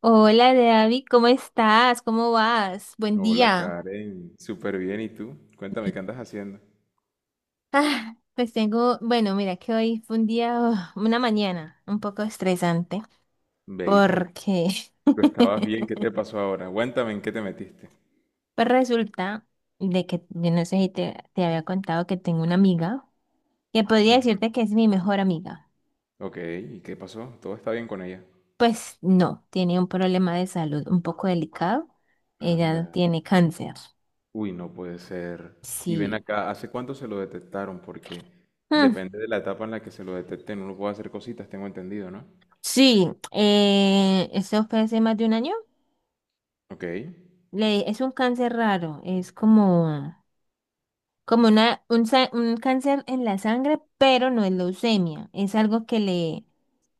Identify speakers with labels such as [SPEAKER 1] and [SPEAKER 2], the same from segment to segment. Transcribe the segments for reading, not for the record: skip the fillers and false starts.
[SPEAKER 1] Hola, David, ¿cómo estás? ¿Cómo vas? Buen
[SPEAKER 2] Hola
[SPEAKER 1] día.
[SPEAKER 2] Karen, súper bien. ¿Y tú? Cuéntame, ¿qué andas haciendo?
[SPEAKER 1] Ah, pues tengo, bueno, mira que hoy fue un día, oh, una mañana un poco estresante
[SPEAKER 2] Ve, ¿y por qué?
[SPEAKER 1] porque
[SPEAKER 2] Tú estabas bien, ¿qué te pasó ahora? Cuéntame, ¿en qué te metiste?
[SPEAKER 1] pues resulta de que yo no sé si te había contado que tengo una amiga que podría
[SPEAKER 2] Ujú.
[SPEAKER 1] decirte que es mi mejor amiga.
[SPEAKER 2] Ok, ¿y qué pasó? ¿Todo está bien con ella?
[SPEAKER 1] Pues no, tiene un problema de salud un poco delicado.
[SPEAKER 2] Anda.
[SPEAKER 1] Ella tiene cáncer.
[SPEAKER 2] Uy, no puede ser. Y ven
[SPEAKER 1] Sí.
[SPEAKER 2] acá, ¿hace cuánto se lo detectaron? Porque
[SPEAKER 1] Mm,
[SPEAKER 2] depende de la etapa en la que se lo detecten, uno puede hacer cositas, tengo entendido, ¿no?
[SPEAKER 1] sí, eso fue hace más de un año.
[SPEAKER 2] Ok.
[SPEAKER 1] Es un cáncer raro, es como un cáncer en la sangre, pero no es leucemia, es algo que le,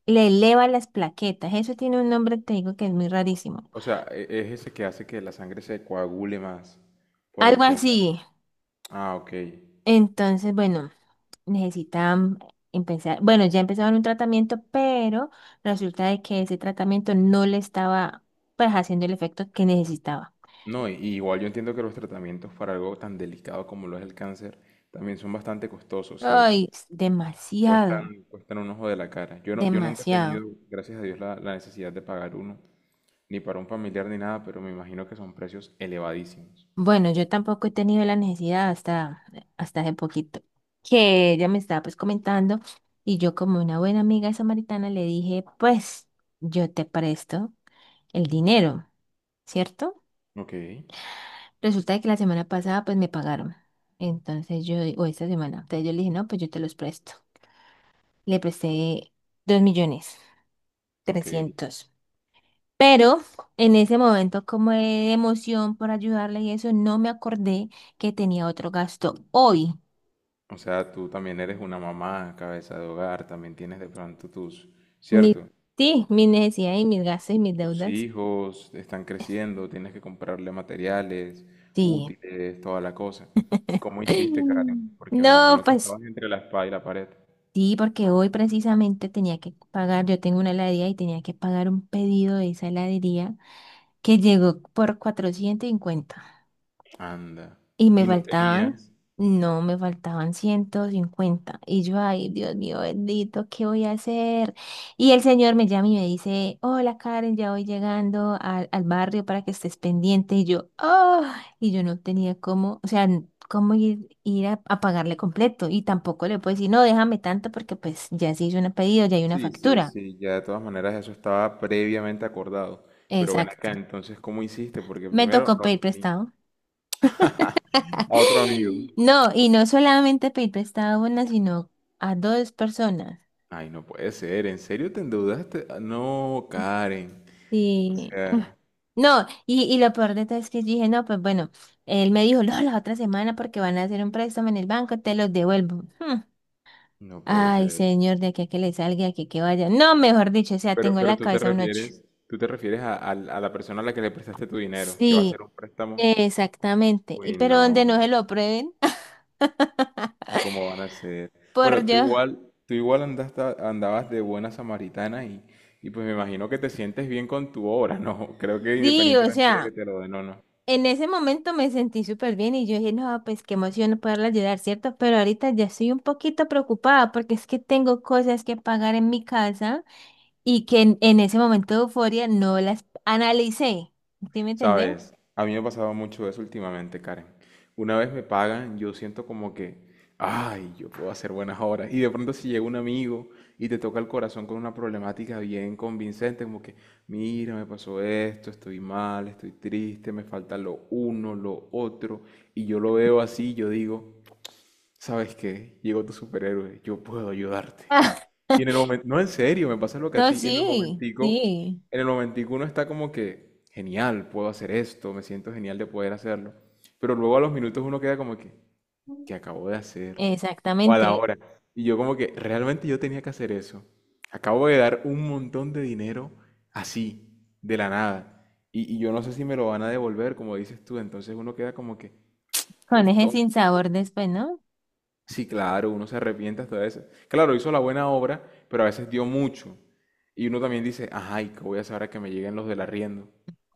[SPEAKER 1] le eleva las plaquetas. Eso tiene un nombre, te digo que es muy rarísimo.
[SPEAKER 2] O sea, es ese que hace que la sangre se coagule más por
[SPEAKER 1] Algo
[SPEAKER 2] el tema de...
[SPEAKER 1] así.
[SPEAKER 2] Ah, ok.
[SPEAKER 1] Entonces, bueno, necesitan empezar, bueno, ya empezaron un tratamiento, pero resulta de que ese tratamiento no le estaba pues haciendo el efecto que necesitaba.
[SPEAKER 2] No, y igual yo entiendo que los tratamientos para algo tan delicado como lo es el cáncer también son bastante costosos, ¿cierto?
[SPEAKER 1] Ay, es demasiado,
[SPEAKER 2] Cuestan, cuestan un ojo de la cara. Yo no, yo nunca he tenido,
[SPEAKER 1] demasiado.
[SPEAKER 2] gracias a Dios, la necesidad de pagar uno, ni para un familiar ni nada, pero me imagino que son precios elevadísimos.
[SPEAKER 1] Bueno, yo tampoco he tenido la necesidad hasta hace poquito, que ella me estaba pues comentando y yo como una buena amiga samaritana le dije, pues yo te presto el dinero, ¿cierto?
[SPEAKER 2] Ok,
[SPEAKER 1] Resulta de que la semana pasada pues me pagaron. Entonces yo, o esta semana, entonces yo le dije, no, pues yo te los presto. Le presté dos millones,
[SPEAKER 2] ok.
[SPEAKER 1] trescientos. Pero en ese momento como de emoción por ayudarle y eso, no me acordé que tenía otro gasto hoy.
[SPEAKER 2] O sea, tú también eres una mamá, cabeza de hogar, también tienes de pronto tus,
[SPEAKER 1] Mi,
[SPEAKER 2] ¿cierto?
[SPEAKER 1] sí, mis necesidades y mis gastos y mis
[SPEAKER 2] Tus
[SPEAKER 1] deudas.
[SPEAKER 2] hijos están creciendo, tienes que comprarle materiales,
[SPEAKER 1] Sí.
[SPEAKER 2] útiles, toda la cosa. ¿Cómo hiciste, Karen? Porque me
[SPEAKER 1] No,
[SPEAKER 2] imagino que
[SPEAKER 1] pues
[SPEAKER 2] estabas entre la espada y la pared.
[SPEAKER 1] sí, porque hoy precisamente tenía que pagar, yo tengo una heladería y tenía que pagar un pedido de esa heladería que llegó por 450.
[SPEAKER 2] Anda.
[SPEAKER 1] Y me
[SPEAKER 2] ¿Y no
[SPEAKER 1] faltaban,
[SPEAKER 2] tenías?
[SPEAKER 1] no, me faltaban 150. Y yo, ay, Dios mío, bendito, ¿qué voy a hacer? Y el señor me llama y me dice, hola Karen, ya voy llegando al barrio para que estés pendiente. Y yo no tenía cómo, o sea, cómo ir a pagarle completo. Y tampoco le puedo decir, no, déjame tanto porque pues ya se hizo un pedido, ya hay una
[SPEAKER 2] Sí, sí,
[SPEAKER 1] factura.
[SPEAKER 2] sí, ya de todas maneras eso estaba previamente acordado. Pero ven
[SPEAKER 1] Exacto.
[SPEAKER 2] acá, entonces, ¿cómo hiciste? Porque
[SPEAKER 1] Me
[SPEAKER 2] primero
[SPEAKER 1] tocó
[SPEAKER 2] no
[SPEAKER 1] pedir
[SPEAKER 2] lo tenía.
[SPEAKER 1] prestado.
[SPEAKER 2] A otro amigo.
[SPEAKER 1] No, y no solamente pedir prestado a una, sino a dos personas.
[SPEAKER 2] Ay, no puede ser, ¿en serio te endeudaste? Ah, no, Karen. O
[SPEAKER 1] Sí. Ah,
[SPEAKER 2] sea,
[SPEAKER 1] no, y lo peor de todo es que yo dije, no, pues bueno, él me dijo, no, la otra semana porque van a hacer un préstamo en el banco, te los devuelvo. Hmm.
[SPEAKER 2] no puede
[SPEAKER 1] Ay,
[SPEAKER 2] ser.
[SPEAKER 1] señor, de aquí a que le salga, de aquí a que vaya. No, mejor dicho, o sea,
[SPEAKER 2] Pero,
[SPEAKER 1] tengo en
[SPEAKER 2] pero
[SPEAKER 1] la
[SPEAKER 2] tú te
[SPEAKER 1] cabeza un ocho.
[SPEAKER 2] refieres, tú te refieres a, a la persona a la que le prestaste tu dinero, que va a hacer
[SPEAKER 1] Sí,
[SPEAKER 2] un préstamo.
[SPEAKER 1] exactamente. Y
[SPEAKER 2] Uy,
[SPEAKER 1] pero donde no
[SPEAKER 2] no,
[SPEAKER 1] se lo prueben,
[SPEAKER 2] ¿cómo van a ser?
[SPEAKER 1] por
[SPEAKER 2] Bueno,
[SPEAKER 1] yo.
[SPEAKER 2] tú igual andabas de buena samaritana y pues me imagino que te sientes bien con tu obra, ¿no? Creo que
[SPEAKER 1] Sí, o
[SPEAKER 2] independientemente de que
[SPEAKER 1] sea.
[SPEAKER 2] te lo den o no.
[SPEAKER 1] En ese momento me sentí súper bien y yo dije, no, pues qué emoción poderla ayudar, ¿cierto? Pero ahorita ya estoy un poquito preocupada porque es que tengo cosas que pagar en mi casa y que en ese momento de euforia no las analicé. ¿Sí me entendés?
[SPEAKER 2] Sabes, a mí me ha pasado mucho eso últimamente, Karen. Una vez me pagan, yo siento como que, ay, yo puedo hacer buenas horas. Y de pronto si llega un amigo y te toca el corazón con una problemática bien convincente, como que, mira, me pasó esto, estoy mal, estoy triste, me falta lo uno, lo otro. Y yo lo veo así, yo digo, ¿sabes qué? Llegó tu superhéroe, yo puedo ayudarte. Y en el momento, no en serio, me pasa lo que a
[SPEAKER 1] No,
[SPEAKER 2] ti,
[SPEAKER 1] sí, sí.
[SPEAKER 2] en el momentico uno está como que, genial, puedo hacer esto, me siento genial de poder hacerlo. Pero luego a los minutos uno queda como que, ¿qué acabo de hacer? O a la
[SPEAKER 1] Exactamente.
[SPEAKER 2] hora. Y yo como que, realmente yo tenía que hacer eso. Acabo de dar un montón de dinero así, de la nada. Y yo no sé si me lo van a devolver, como dices tú. Entonces uno queda como que.
[SPEAKER 1] Con ese sinsabor después, ¿no?
[SPEAKER 2] Sí, claro, uno se arrepiente hasta de eso. Claro, hizo la buena obra, pero a veces dio mucho. Y uno también dice, ay, ¿qué voy a hacer ahora que me lleguen los del arriendo?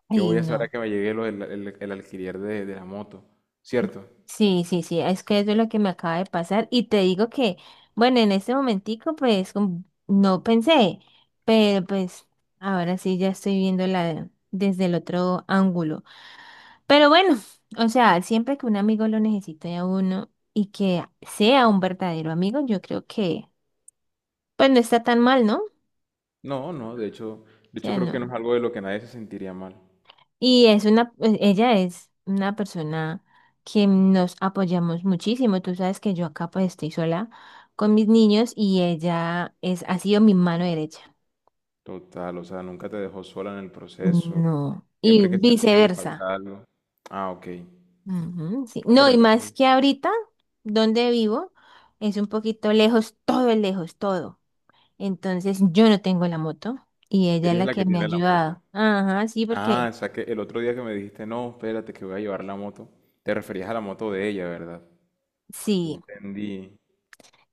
[SPEAKER 2] ¿Qué
[SPEAKER 1] Ay,
[SPEAKER 2] voy a hacer ahora
[SPEAKER 1] no.
[SPEAKER 2] que me llegue el alquiler de la moto? ¿Cierto?
[SPEAKER 1] Sí, sí, sí, es que eso es lo que me acaba de pasar y te digo que, bueno, en este momentico pues como no pensé, pero pues ahora sí ya estoy viéndola desde el otro ángulo. Pero bueno, o sea, siempre que un amigo lo necesite a uno y que sea un verdadero amigo, yo creo que pues no está tan mal, ¿no? O
[SPEAKER 2] No, no, de hecho
[SPEAKER 1] sea,
[SPEAKER 2] creo que no
[SPEAKER 1] no.
[SPEAKER 2] es algo de lo que nadie se sentiría mal.
[SPEAKER 1] Y es ella es una persona que nos apoyamos muchísimo. Tú sabes que yo acá pues estoy sola con mis niños y ella es, ha sido mi mano derecha.
[SPEAKER 2] Total, o sea, nunca te dejó sola en el proceso.
[SPEAKER 1] No. Y
[SPEAKER 2] Siempre que al niño le
[SPEAKER 1] viceversa.
[SPEAKER 2] falta algo. Ah, ok.
[SPEAKER 1] Ujú, sí.
[SPEAKER 2] Ah,
[SPEAKER 1] No,
[SPEAKER 2] pero
[SPEAKER 1] y más
[SPEAKER 2] entonces,
[SPEAKER 1] que ahorita, donde vivo, es un poquito lejos, todo es lejos, todo. Entonces yo no tengo la moto y ella es
[SPEAKER 2] ella es
[SPEAKER 1] la
[SPEAKER 2] la
[SPEAKER 1] que
[SPEAKER 2] que
[SPEAKER 1] me ha
[SPEAKER 2] tiene la moto.
[SPEAKER 1] ayudado. Ajá, sí,
[SPEAKER 2] Ah,
[SPEAKER 1] porque
[SPEAKER 2] o sea que el otro día que me dijiste, no, espérate que voy a llevar la moto, te referías a la moto de ella, ¿verdad? Ya
[SPEAKER 1] sí.
[SPEAKER 2] entendí.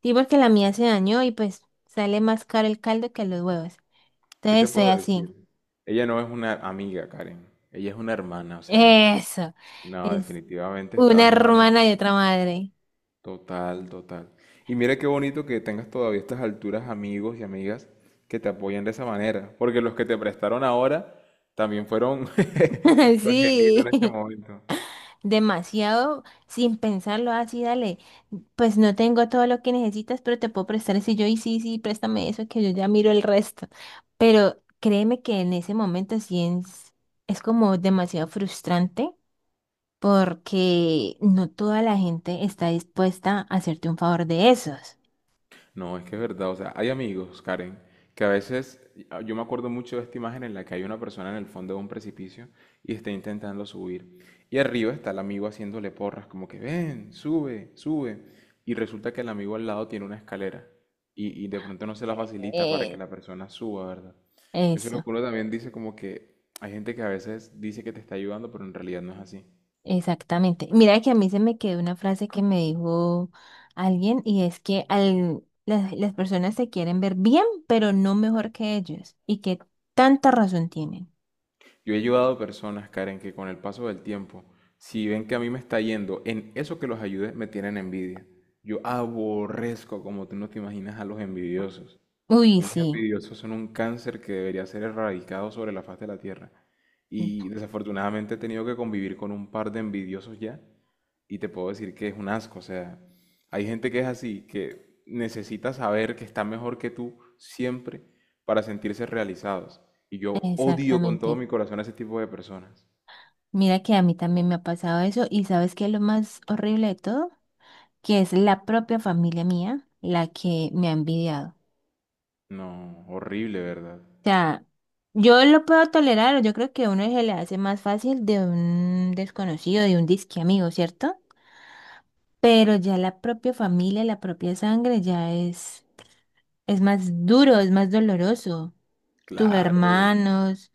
[SPEAKER 1] Sí, porque la mía se dañó y pues sale más caro el caldo que los huevos.
[SPEAKER 2] ¿Qué te
[SPEAKER 1] Entonces soy
[SPEAKER 2] puedo
[SPEAKER 1] así.
[SPEAKER 2] decir? Ella no es una amiga, Karen. Ella es una hermana, o sea.
[SPEAKER 1] Eso.
[SPEAKER 2] No,
[SPEAKER 1] Es
[SPEAKER 2] definitivamente
[SPEAKER 1] una
[SPEAKER 2] estabas es hablando.
[SPEAKER 1] hermana y otra madre.
[SPEAKER 2] Total, total. Y mira qué bonito que tengas todavía a estas alturas amigos y amigas que te apoyan de esa manera. Porque los que te prestaron ahora también fueron tu angelito en este
[SPEAKER 1] Sí.
[SPEAKER 2] momento.
[SPEAKER 1] Demasiado sin pensarlo así, dale. Pues no tengo todo lo que necesitas, pero te puedo prestar eso. Y yo, y sí, sí, préstame eso, que yo ya miro el resto. Pero créeme que en ese momento sí es como demasiado frustrante porque no toda la gente está dispuesta a hacerte un favor de esos.
[SPEAKER 2] No, es que es verdad. O sea, hay amigos, Karen, que a veces, ah, yo me acuerdo mucho de esta imagen en la que hay una persona en el fondo de un precipicio y está intentando subir. Y arriba está el amigo haciéndole porras, como que ven, sube, sube. Y resulta que el amigo al lado tiene una escalera y de pronto no se la facilita para que
[SPEAKER 1] Eh,
[SPEAKER 2] la persona suba, ¿verdad? Eso es lo
[SPEAKER 1] eso.
[SPEAKER 2] que uno también dice como que hay gente que a veces dice que te está ayudando, pero en realidad no es así.
[SPEAKER 1] Exactamente. Mira que a mí se me quedó una frase que me dijo alguien y es que las personas se quieren ver bien, pero no mejor que ellos. Y que tanta razón tienen.
[SPEAKER 2] Yo he ayudado a personas, Karen, que con el paso del tiempo, si ven que a mí me está yendo, en eso que los ayude, me tienen envidia. Yo aborrezco, como tú no te imaginas, a los envidiosos. A
[SPEAKER 1] Uy,
[SPEAKER 2] mí los
[SPEAKER 1] sí,
[SPEAKER 2] envidiosos son un cáncer que debería ser erradicado sobre la faz de la tierra. Y desafortunadamente he tenido que convivir con un par de envidiosos ya. Y te puedo decir que es un asco. O sea, hay gente que es así, que necesita saber que está mejor que tú siempre para sentirse realizados. Y yo odio con todo
[SPEAKER 1] exactamente.
[SPEAKER 2] mi corazón a ese tipo de personas.
[SPEAKER 1] Mira que a mí también me ha pasado eso y ¿sabes qué es lo más horrible de todo? Que es la propia familia mía la que me ha envidiado. O
[SPEAKER 2] No, horrible, ¿verdad?
[SPEAKER 1] sea, yo lo puedo tolerar, yo creo que a uno se le hace más fácil de un desconocido, de un disque amigo, ¿cierto? Pero ya la propia familia, la propia sangre ya es más duro, es más doloroso. Tus
[SPEAKER 2] Claro,
[SPEAKER 1] hermanos,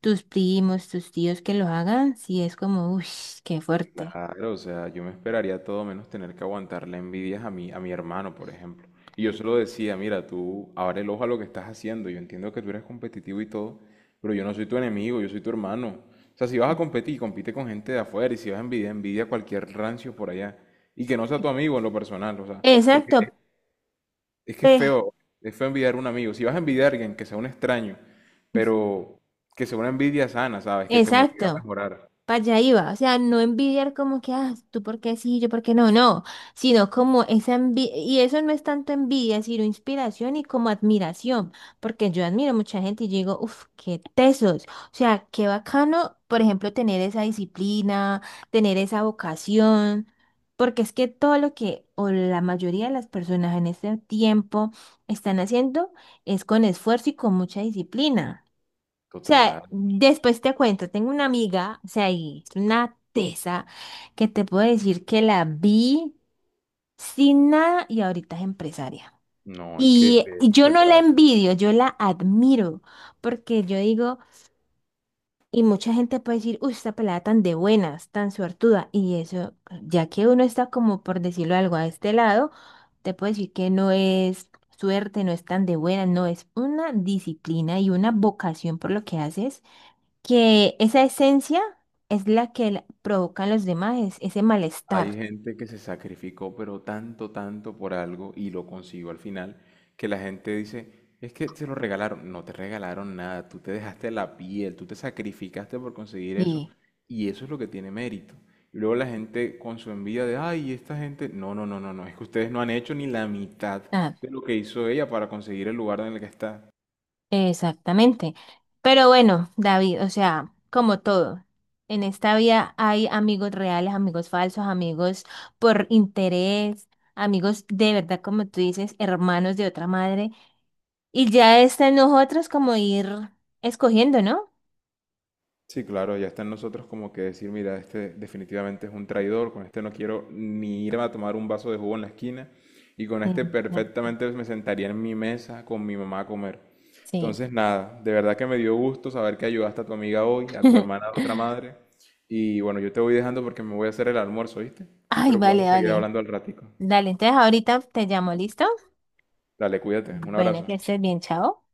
[SPEAKER 1] tus primos, tus tíos que lo hagan, sí es como, uy, qué fuerte.
[SPEAKER 2] claro, o sea, yo me esperaría todo menos tener que aguantar la envidia a a mi hermano, por ejemplo. Y yo se lo decía, mira, tú abre el ojo a lo que estás haciendo, yo entiendo que tú eres competitivo y todo, pero yo no soy tu enemigo, yo soy tu hermano. O sea, si vas a competir, compite con gente de afuera y si vas a envidiar, envidia a cualquier rancio por allá. Y que no sea tu amigo en lo personal, o sea, porque
[SPEAKER 1] Exacto,
[SPEAKER 2] Es que
[SPEAKER 1] pe-
[SPEAKER 2] es feo envidiar a un amigo. Si vas a envidiar a alguien, que sea un extraño, pero que sea una envidia sana, ¿sabes? Que te motiva a
[SPEAKER 1] exacto.
[SPEAKER 2] mejorar.
[SPEAKER 1] Para allá iba, o sea, no envidiar como que, ah, tú por qué sí, yo por qué no, no, sino como esa envidia, y eso no es tanto envidia, sino inspiración y como admiración, porque yo admiro mucha gente y yo digo, uff, qué tesos, o sea, qué bacano, por ejemplo, tener esa disciplina, tener esa vocación, porque es que todo lo que, o la mayoría de las personas en este tiempo están haciendo es con esfuerzo y con mucha disciplina. O
[SPEAKER 2] Total.
[SPEAKER 1] sea, después te cuento, tengo una amiga, o sea, y es una tesa que te puedo decir que la vi sin nada y ahorita es empresaria.
[SPEAKER 2] No, es que
[SPEAKER 1] Y yo no la envidio, yo la admiro, porque yo digo, y mucha gente puede decir, uy, esta pelada tan de buenas, tan suertuda, y eso, ya que uno está como por decirlo algo a este lado, te puedo decir que no es suerte, no es tan de buena, no es una disciplina y una vocación por lo que haces que esa esencia es la que provoca en los demás ese
[SPEAKER 2] hay
[SPEAKER 1] malestar.
[SPEAKER 2] gente que se sacrificó, pero tanto, tanto por algo y lo consiguió al final, que la gente dice, es que te lo regalaron. No te regalaron nada, tú te dejaste la piel, tú te sacrificaste por conseguir eso
[SPEAKER 1] Sí,
[SPEAKER 2] y eso es lo que tiene mérito. Y luego la gente con su envidia de, ay, esta gente, no, no, no, no, no, es que ustedes no han hecho ni la mitad
[SPEAKER 1] ah,
[SPEAKER 2] de lo que hizo ella para conseguir el lugar en el que está.
[SPEAKER 1] exactamente. Pero bueno, David, o sea, como todo, en esta vida hay amigos reales, amigos falsos, amigos por interés, amigos de verdad, como tú dices, hermanos de otra madre. Y ya está en nosotros como ir escogiendo, ¿no?
[SPEAKER 2] Sí, claro, ya está en nosotros como que decir, mira, este definitivamente es un traidor, con este no quiero ni irme a tomar un vaso de jugo en la esquina y con
[SPEAKER 1] Sí,
[SPEAKER 2] este
[SPEAKER 1] exacto.
[SPEAKER 2] perfectamente me sentaría en mi mesa con mi mamá a comer.
[SPEAKER 1] Sí.
[SPEAKER 2] Entonces, nada, de verdad que me dio gusto saber que ayudaste a tu amiga hoy, a tu hermana, a la otra madre. Y bueno, yo te voy dejando porque me voy a hacer el almuerzo, ¿viste?
[SPEAKER 1] Ay,
[SPEAKER 2] Pero
[SPEAKER 1] vale,
[SPEAKER 2] podemos seguir
[SPEAKER 1] vale.
[SPEAKER 2] hablando al ratico.
[SPEAKER 1] Dale, entonces ahorita te llamo, ¿listo?
[SPEAKER 2] Dale, cuídate, un
[SPEAKER 1] Bueno, que
[SPEAKER 2] abrazo.
[SPEAKER 1] estés bien, chao.